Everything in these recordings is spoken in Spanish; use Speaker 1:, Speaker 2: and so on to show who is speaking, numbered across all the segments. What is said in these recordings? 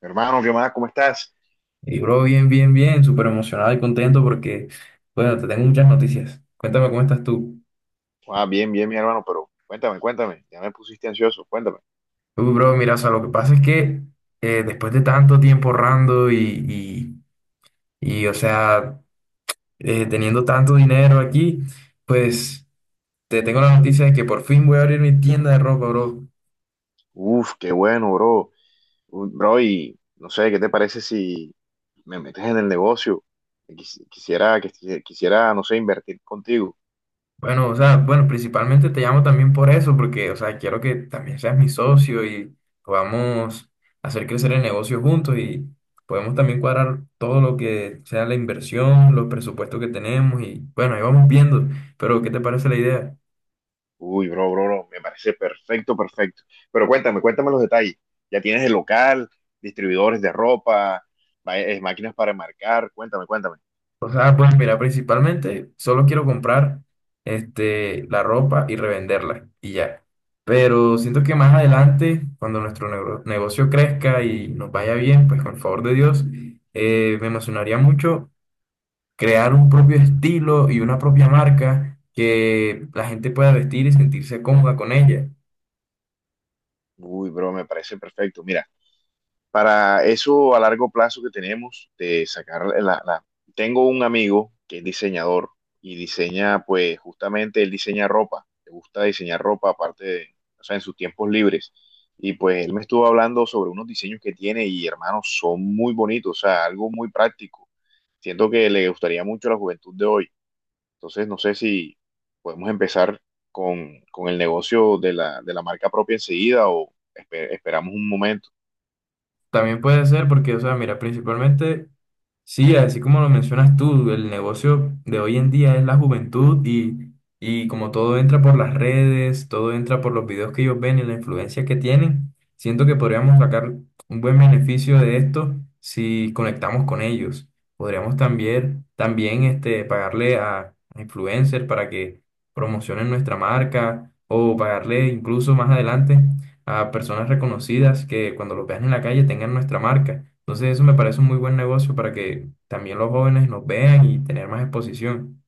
Speaker 1: Hermano, ¿qué más? ¿Cómo estás?
Speaker 2: Y bro, bien, bien, bien, súper emocionado y contento porque, bueno, te tengo muchas noticias. Cuéntame cómo estás tú.
Speaker 1: Ah, bien, bien, mi hermano, pero cuéntame, cuéntame. Ya me pusiste ansioso, cuéntame.
Speaker 2: Uy, bro, mira, o sea, lo que pasa es que después de tanto tiempo ahorrando o sea, teniendo tanto dinero aquí, pues te tengo la noticia de que por fin voy a abrir mi tienda de ropa, bro.
Speaker 1: Uf, qué bueno, bro. Bro, y no sé, ¿qué te parece si me metes en el negocio? Quisiera, no sé, invertir contigo.
Speaker 2: Bueno, o sea, bueno, principalmente te llamo también por eso, porque, o sea, quiero que también seas mi socio y podamos hacer crecer el negocio juntos y podemos también cuadrar todo lo que sea la inversión, los presupuestos que tenemos y, bueno, ahí vamos viendo, pero ¿qué te parece la idea?
Speaker 1: Uy, bro, bro, bro, me parece perfecto, perfecto. Pero cuéntame, cuéntame los detalles. Ya tienes el local, distribuidores de ropa, máquinas para enmarcar, cuéntame, cuéntame.
Speaker 2: O sea, pues mira, principalmente solo quiero comprar este, la ropa y revenderla y ya. Pero siento que más adelante, cuando negocio crezca y nos vaya bien, pues con el favor de Dios, me emocionaría mucho crear un propio estilo y una propia marca que la gente pueda vestir y sentirse cómoda con ella.
Speaker 1: Uy, bro, me parece perfecto. Mira, para eso a largo plazo que tenemos de sacar Tengo un amigo que es diseñador y diseña, pues justamente él diseña ropa, le gusta diseñar ropa aparte de, o sea, en sus tiempos libres. Y pues él me estuvo hablando sobre unos diseños que tiene y hermanos, son muy bonitos, o sea, algo muy práctico. Siento que le gustaría mucho a la juventud de hoy. Entonces, no sé si podemos empezar con el negocio de la marca propia enseguida o esperamos un momento.
Speaker 2: También puede ser porque, o sea, mira, principalmente, sí, así como lo mencionas tú, el negocio de hoy en día es la juventud y como todo entra por las redes, todo entra por los videos que ellos ven y la influencia que tienen, siento que podríamos sacar un buen beneficio de esto si conectamos con ellos. Podríamos también, también este, pagarle a influencers para que promocionen nuestra marca o pagarle incluso más adelante a personas reconocidas que cuando los vean en la calle tengan nuestra marca. Entonces eso me parece un muy buen negocio para que también los jóvenes nos vean y tener más exposición.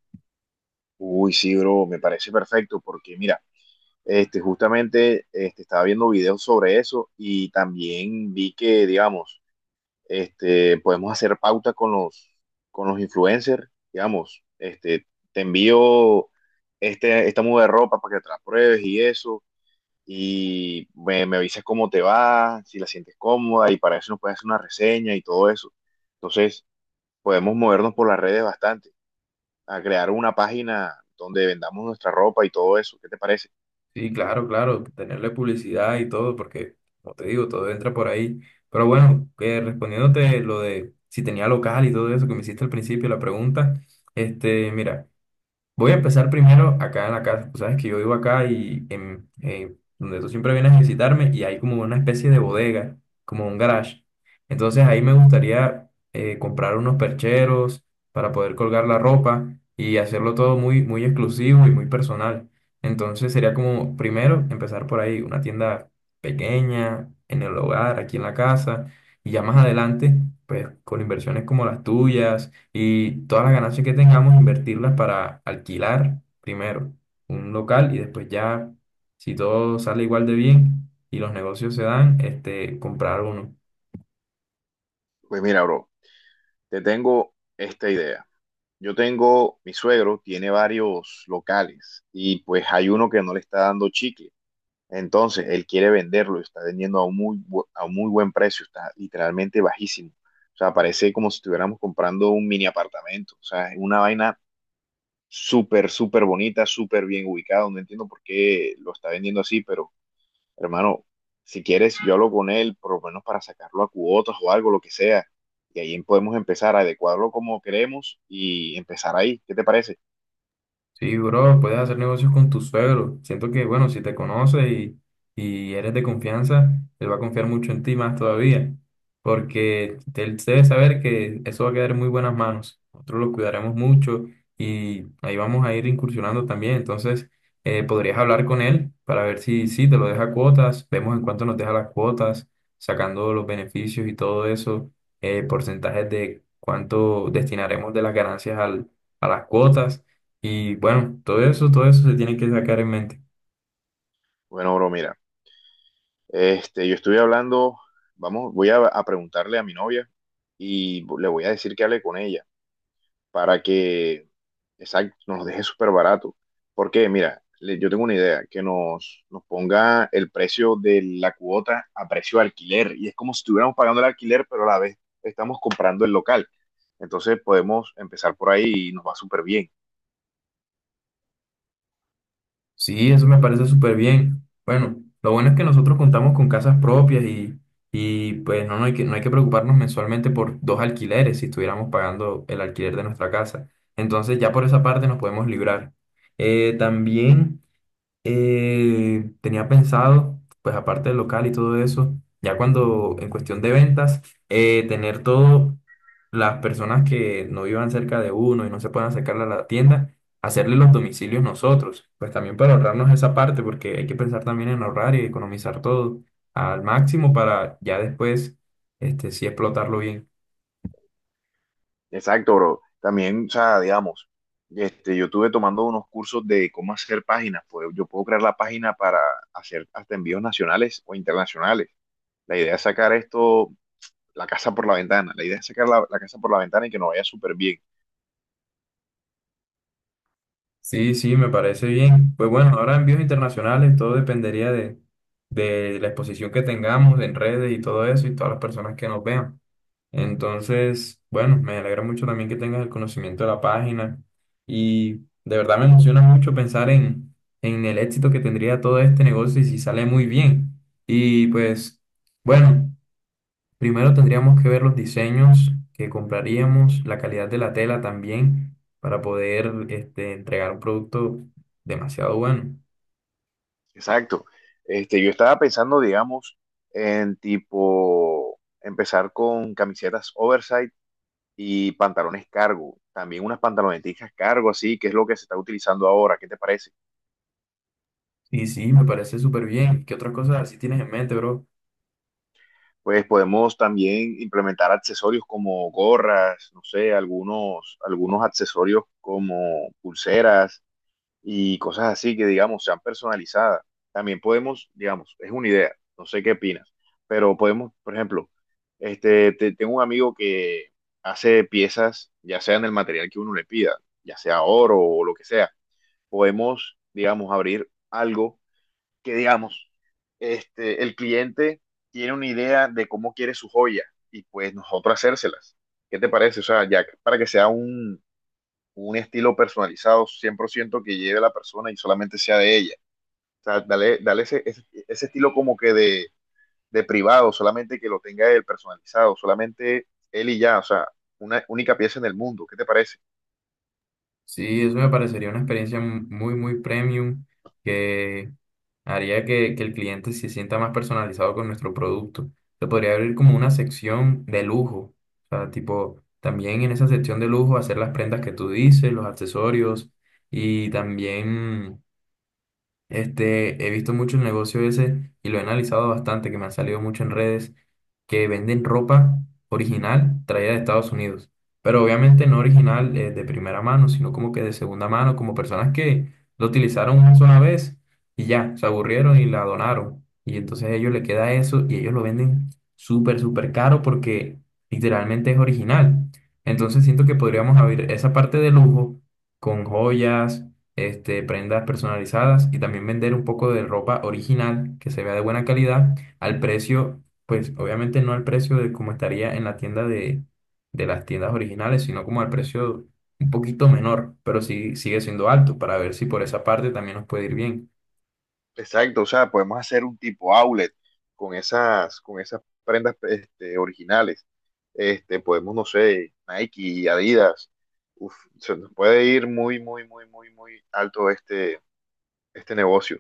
Speaker 1: Uy, sí, bro, me parece perfecto porque mira, estaba viendo videos sobre eso y también vi que, digamos, podemos hacer pauta con los influencers, digamos, te envío esta muda de ropa para que te la pruebes y eso, y me avisas cómo te va, si la sientes cómoda y para eso nos puedes hacer una reseña y todo eso. Entonces, podemos movernos por las redes bastante a crear una página donde vendamos nuestra ropa y todo eso. ¿Qué te parece?
Speaker 2: Sí, claro, claro, tenerle publicidad y todo, porque como te digo, todo entra por ahí. Pero bueno, que respondiéndote lo de si tenía local y todo eso que me hiciste al principio, la pregunta, este, mira. Voy a empezar primero acá en la casa. Tú sabes que yo vivo acá y en, donde tú siempre vienes a visitarme y hay como una especie de bodega, como un garage. Entonces ahí me gustaría comprar unos percheros para poder colgar la ropa y hacerlo todo muy, muy exclusivo y muy personal. Entonces sería como primero empezar por ahí, una tienda pequeña, en el hogar, aquí en la casa, y ya más adelante, pues con inversiones como las tuyas y todas las ganancias que tengamos invertirlas para alquilar primero un local y después ya, si todo sale igual de bien y los negocios se dan, este, comprar uno.
Speaker 1: Pues mira, bro, te tengo esta idea. Mi suegro tiene varios locales y pues hay uno que no le está dando chicle. Entonces, él quiere venderlo y está vendiendo a un muy buen precio, está literalmente bajísimo. O sea, parece como si estuviéramos comprando un mini apartamento. O sea, es una vaina súper, súper bonita, súper bien ubicada. No entiendo por qué lo está vendiendo así, pero hermano, si quieres, yo hablo con él, por lo menos para sacarlo a cuotas o algo, lo que sea. Y ahí podemos empezar a adecuarlo como queremos y empezar ahí. ¿Qué te parece?
Speaker 2: Sí, bro, puedes hacer negocios con tu suegro. Siento que, bueno, si te conoce y eres de confianza, él va a confiar mucho en ti más todavía, porque él debe saber que eso va a quedar en muy buenas manos. Nosotros lo cuidaremos mucho y ahí vamos a ir incursionando también. Entonces, podrías hablar con él para ver si, si te lo deja cuotas, vemos en cuánto nos deja las cuotas, sacando los beneficios y todo eso, porcentajes de cuánto destinaremos de las ganancias al, a las cuotas. Y bueno, todo eso se tiene que sacar en mente.
Speaker 1: Bueno, bro, mira, yo estuve hablando, vamos, a preguntarle a mi novia y le voy a decir que hable con ella, para que, exacto, nos los deje súper barato. Porque, mira, yo tengo una idea, que nos ponga el precio de la cuota a precio de alquiler. Y es como si estuviéramos pagando el alquiler, pero a la vez estamos comprando el local. Entonces podemos empezar por ahí y nos va súper bien.
Speaker 2: Sí, eso me parece súper bien. Bueno, lo bueno es que nosotros contamos con casas propias y pues no, no hay que, no hay que preocuparnos mensualmente por dos alquileres si estuviéramos pagando el alquiler de nuestra casa. Entonces ya por esa parte nos podemos librar. Eh, también... Tenía pensado, pues aparte del local y todo eso, ya cuando en cuestión de ventas, tener todo, las personas que no vivan cerca de uno y no se puedan acercar a la tienda, hacerle los domicilios nosotros, pues también para ahorrarnos esa parte, porque hay que pensar también en ahorrar y economizar todo al máximo para ya después, este, sí explotarlo bien.
Speaker 1: Exacto, bro. También, o sea, digamos, yo estuve tomando unos cursos de cómo hacer páginas. Pues yo puedo crear la página para hacer hasta envíos nacionales o internacionales. La idea es sacar esto la casa por la ventana. La idea es sacar la casa por la ventana y que nos vaya súper bien.
Speaker 2: Sí, sí, me parece bien. Pues bueno, ahora envíos internacionales, todo dependería de la exposición que tengamos en redes y todo eso y todas las personas que nos vean. Entonces, bueno, me alegra mucho también que tengas el conocimiento de la página y de verdad me emociona mucho pensar en el éxito que tendría todo este negocio y si sale muy bien. Y pues, bueno. Primero tendríamos que ver los diseños que compraríamos, la calidad de la tela también, para poder este, entregar un producto demasiado bueno.
Speaker 1: Exacto. Yo estaba pensando, digamos, en tipo empezar con camisetas oversize y pantalones cargo. También unas pantaloneticas cargo, así, que es lo que se está utilizando ahora. ¿Qué te parece?
Speaker 2: Y sí, me parece súper bien. ¿Qué otras cosas así tienes en mente, bro?
Speaker 1: Pues podemos también implementar accesorios como gorras, no sé, algunos accesorios como pulseras y cosas así que, digamos, sean personalizadas. También podemos, digamos, es una idea, no sé qué opinas, pero podemos, por ejemplo, tengo un amigo que hace piezas, ya sea en el material que uno le pida, ya sea oro o lo que sea. Podemos, digamos, abrir algo que, digamos, el cliente tiene una idea de cómo quiere su joya y pues nosotros hacérselas. ¿Qué te parece? O sea, ya para que sea un estilo personalizado 100% que lleve a la persona y solamente sea de ella. O sea, dale ese estilo como que de, privado, solamente que lo tenga él personalizado, solamente él y ya, o sea, una única pieza en el mundo. ¿Qué te parece?
Speaker 2: Sí, eso me parecería una experiencia muy, muy premium que haría que el cliente se sienta más personalizado con nuestro producto. Se podría abrir como una sección de lujo, o sea, tipo, también en esa sección de lujo hacer las prendas que tú dices, los accesorios y también este, he visto mucho el negocio ese y lo he analizado bastante, que me han salido mucho en redes, que venden ropa original traída de Estados Unidos. Pero obviamente no original de primera mano, sino como que de segunda mano, como personas que lo utilizaron una sola vez y ya, se aburrieron y la donaron. Y entonces a ellos les queda eso y ellos lo venden súper, súper caro porque literalmente es original. Entonces siento que podríamos abrir esa parte de lujo con joyas este, prendas personalizadas y también vender un poco de ropa original que se vea de buena calidad al precio, pues obviamente no al precio de como estaría en la tienda de las tiendas originales, sino como al precio un poquito menor, pero sí sigue siendo alto para ver si por esa parte también nos puede ir bien.
Speaker 1: Exacto, o sea, podemos hacer un tipo outlet con con esas prendas originales. Podemos, no sé, Nike, Adidas. Uf, se nos puede ir muy, muy, muy, muy, muy alto este negocio.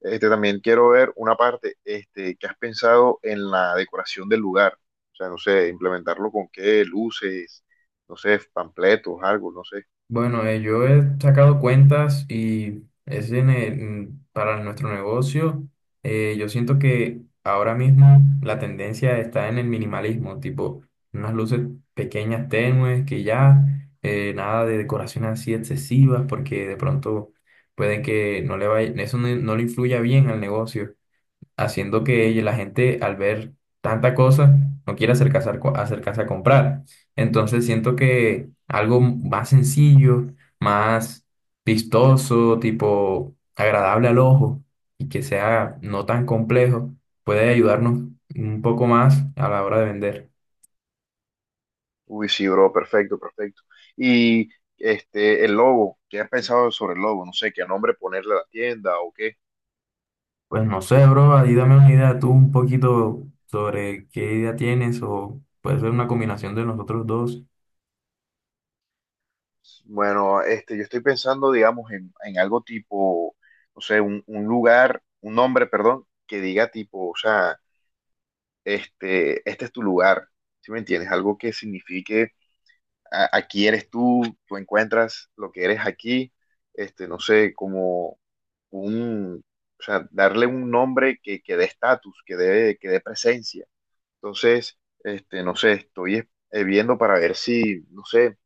Speaker 1: Este, también quiero ver una parte, este, ¿que has pensado en la decoración del lugar? O sea, no sé, implementarlo con qué, luces, no sé, panfletos, algo, no sé.
Speaker 2: Bueno, yo he sacado cuentas y para nuestro negocio. Yo siento que ahora mismo la tendencia está en el minimalismo, tipo unas luces pequeñas, tenues, que ya nada de decoraciones así excesivas, porque de pronto puede que no le vaya, eso no, no le influya bien al negocio haciendo que la gente al ver tanta cosa no quiera acercarse a, acercarse a comprar. Entonces siento que algo más sencillo, más vistoso, tipo agradable al ojo y que sea no tan complejo, puede ayudarnos un poco más a la hora de vender.
Speaker 1: Uy, sí, bro, perfecto, perfecto. Y el logo, ¿qué has pensado sobre el logo? No sé, qué nombre ponerle a la tienda o qué.
Speaker 2: Pues no sé, bro, ahí dame una idea tú un poquito sobre qué idea tienes o puede ser una combinación de nosotros dos.
Speaker 1: Bueno, yo estoy pensando, digamos, en algo tipo, no sé, un lugar, un nombre, perdón, que diga tipo, o sea, este es tu lugar, ¿sí me entiendes? Algo que signifique aquí eres tú, tú encuentras lo que eres aquí, no sé, como un, o sea, darle un nombre que dé estatus, que dé presencia. Entonces, no sé, viendo para ver si, no sé,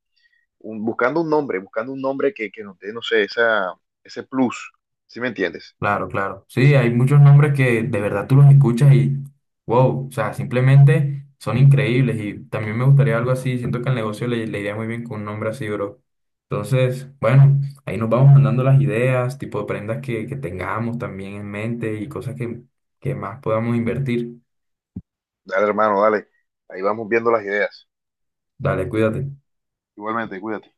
Speaker 1: buscando un nombre que nos dé, no sé, esa, ese plus, ¿sí me entiendes?
Speaker 2: Claro, claro. Sí, hay muchos nombres que de verdad tú los escuchas y wow, o sea, simplemente son increíbles y también me gustaría algo así. Siento que al negocio le, le iría muy bien con un nombre así, bro. Entonces, bueno, ahí nos vamos mandando las ideas, tipo de prendas que tengamos también en mente y cosas que más podamos invertir.
Speaker 1: Dale, hermano, dale, ahí vamos viendo las ideas.
Speaker 2: Dale, cuídate.
Speaker 1: Igualmente, cuídate.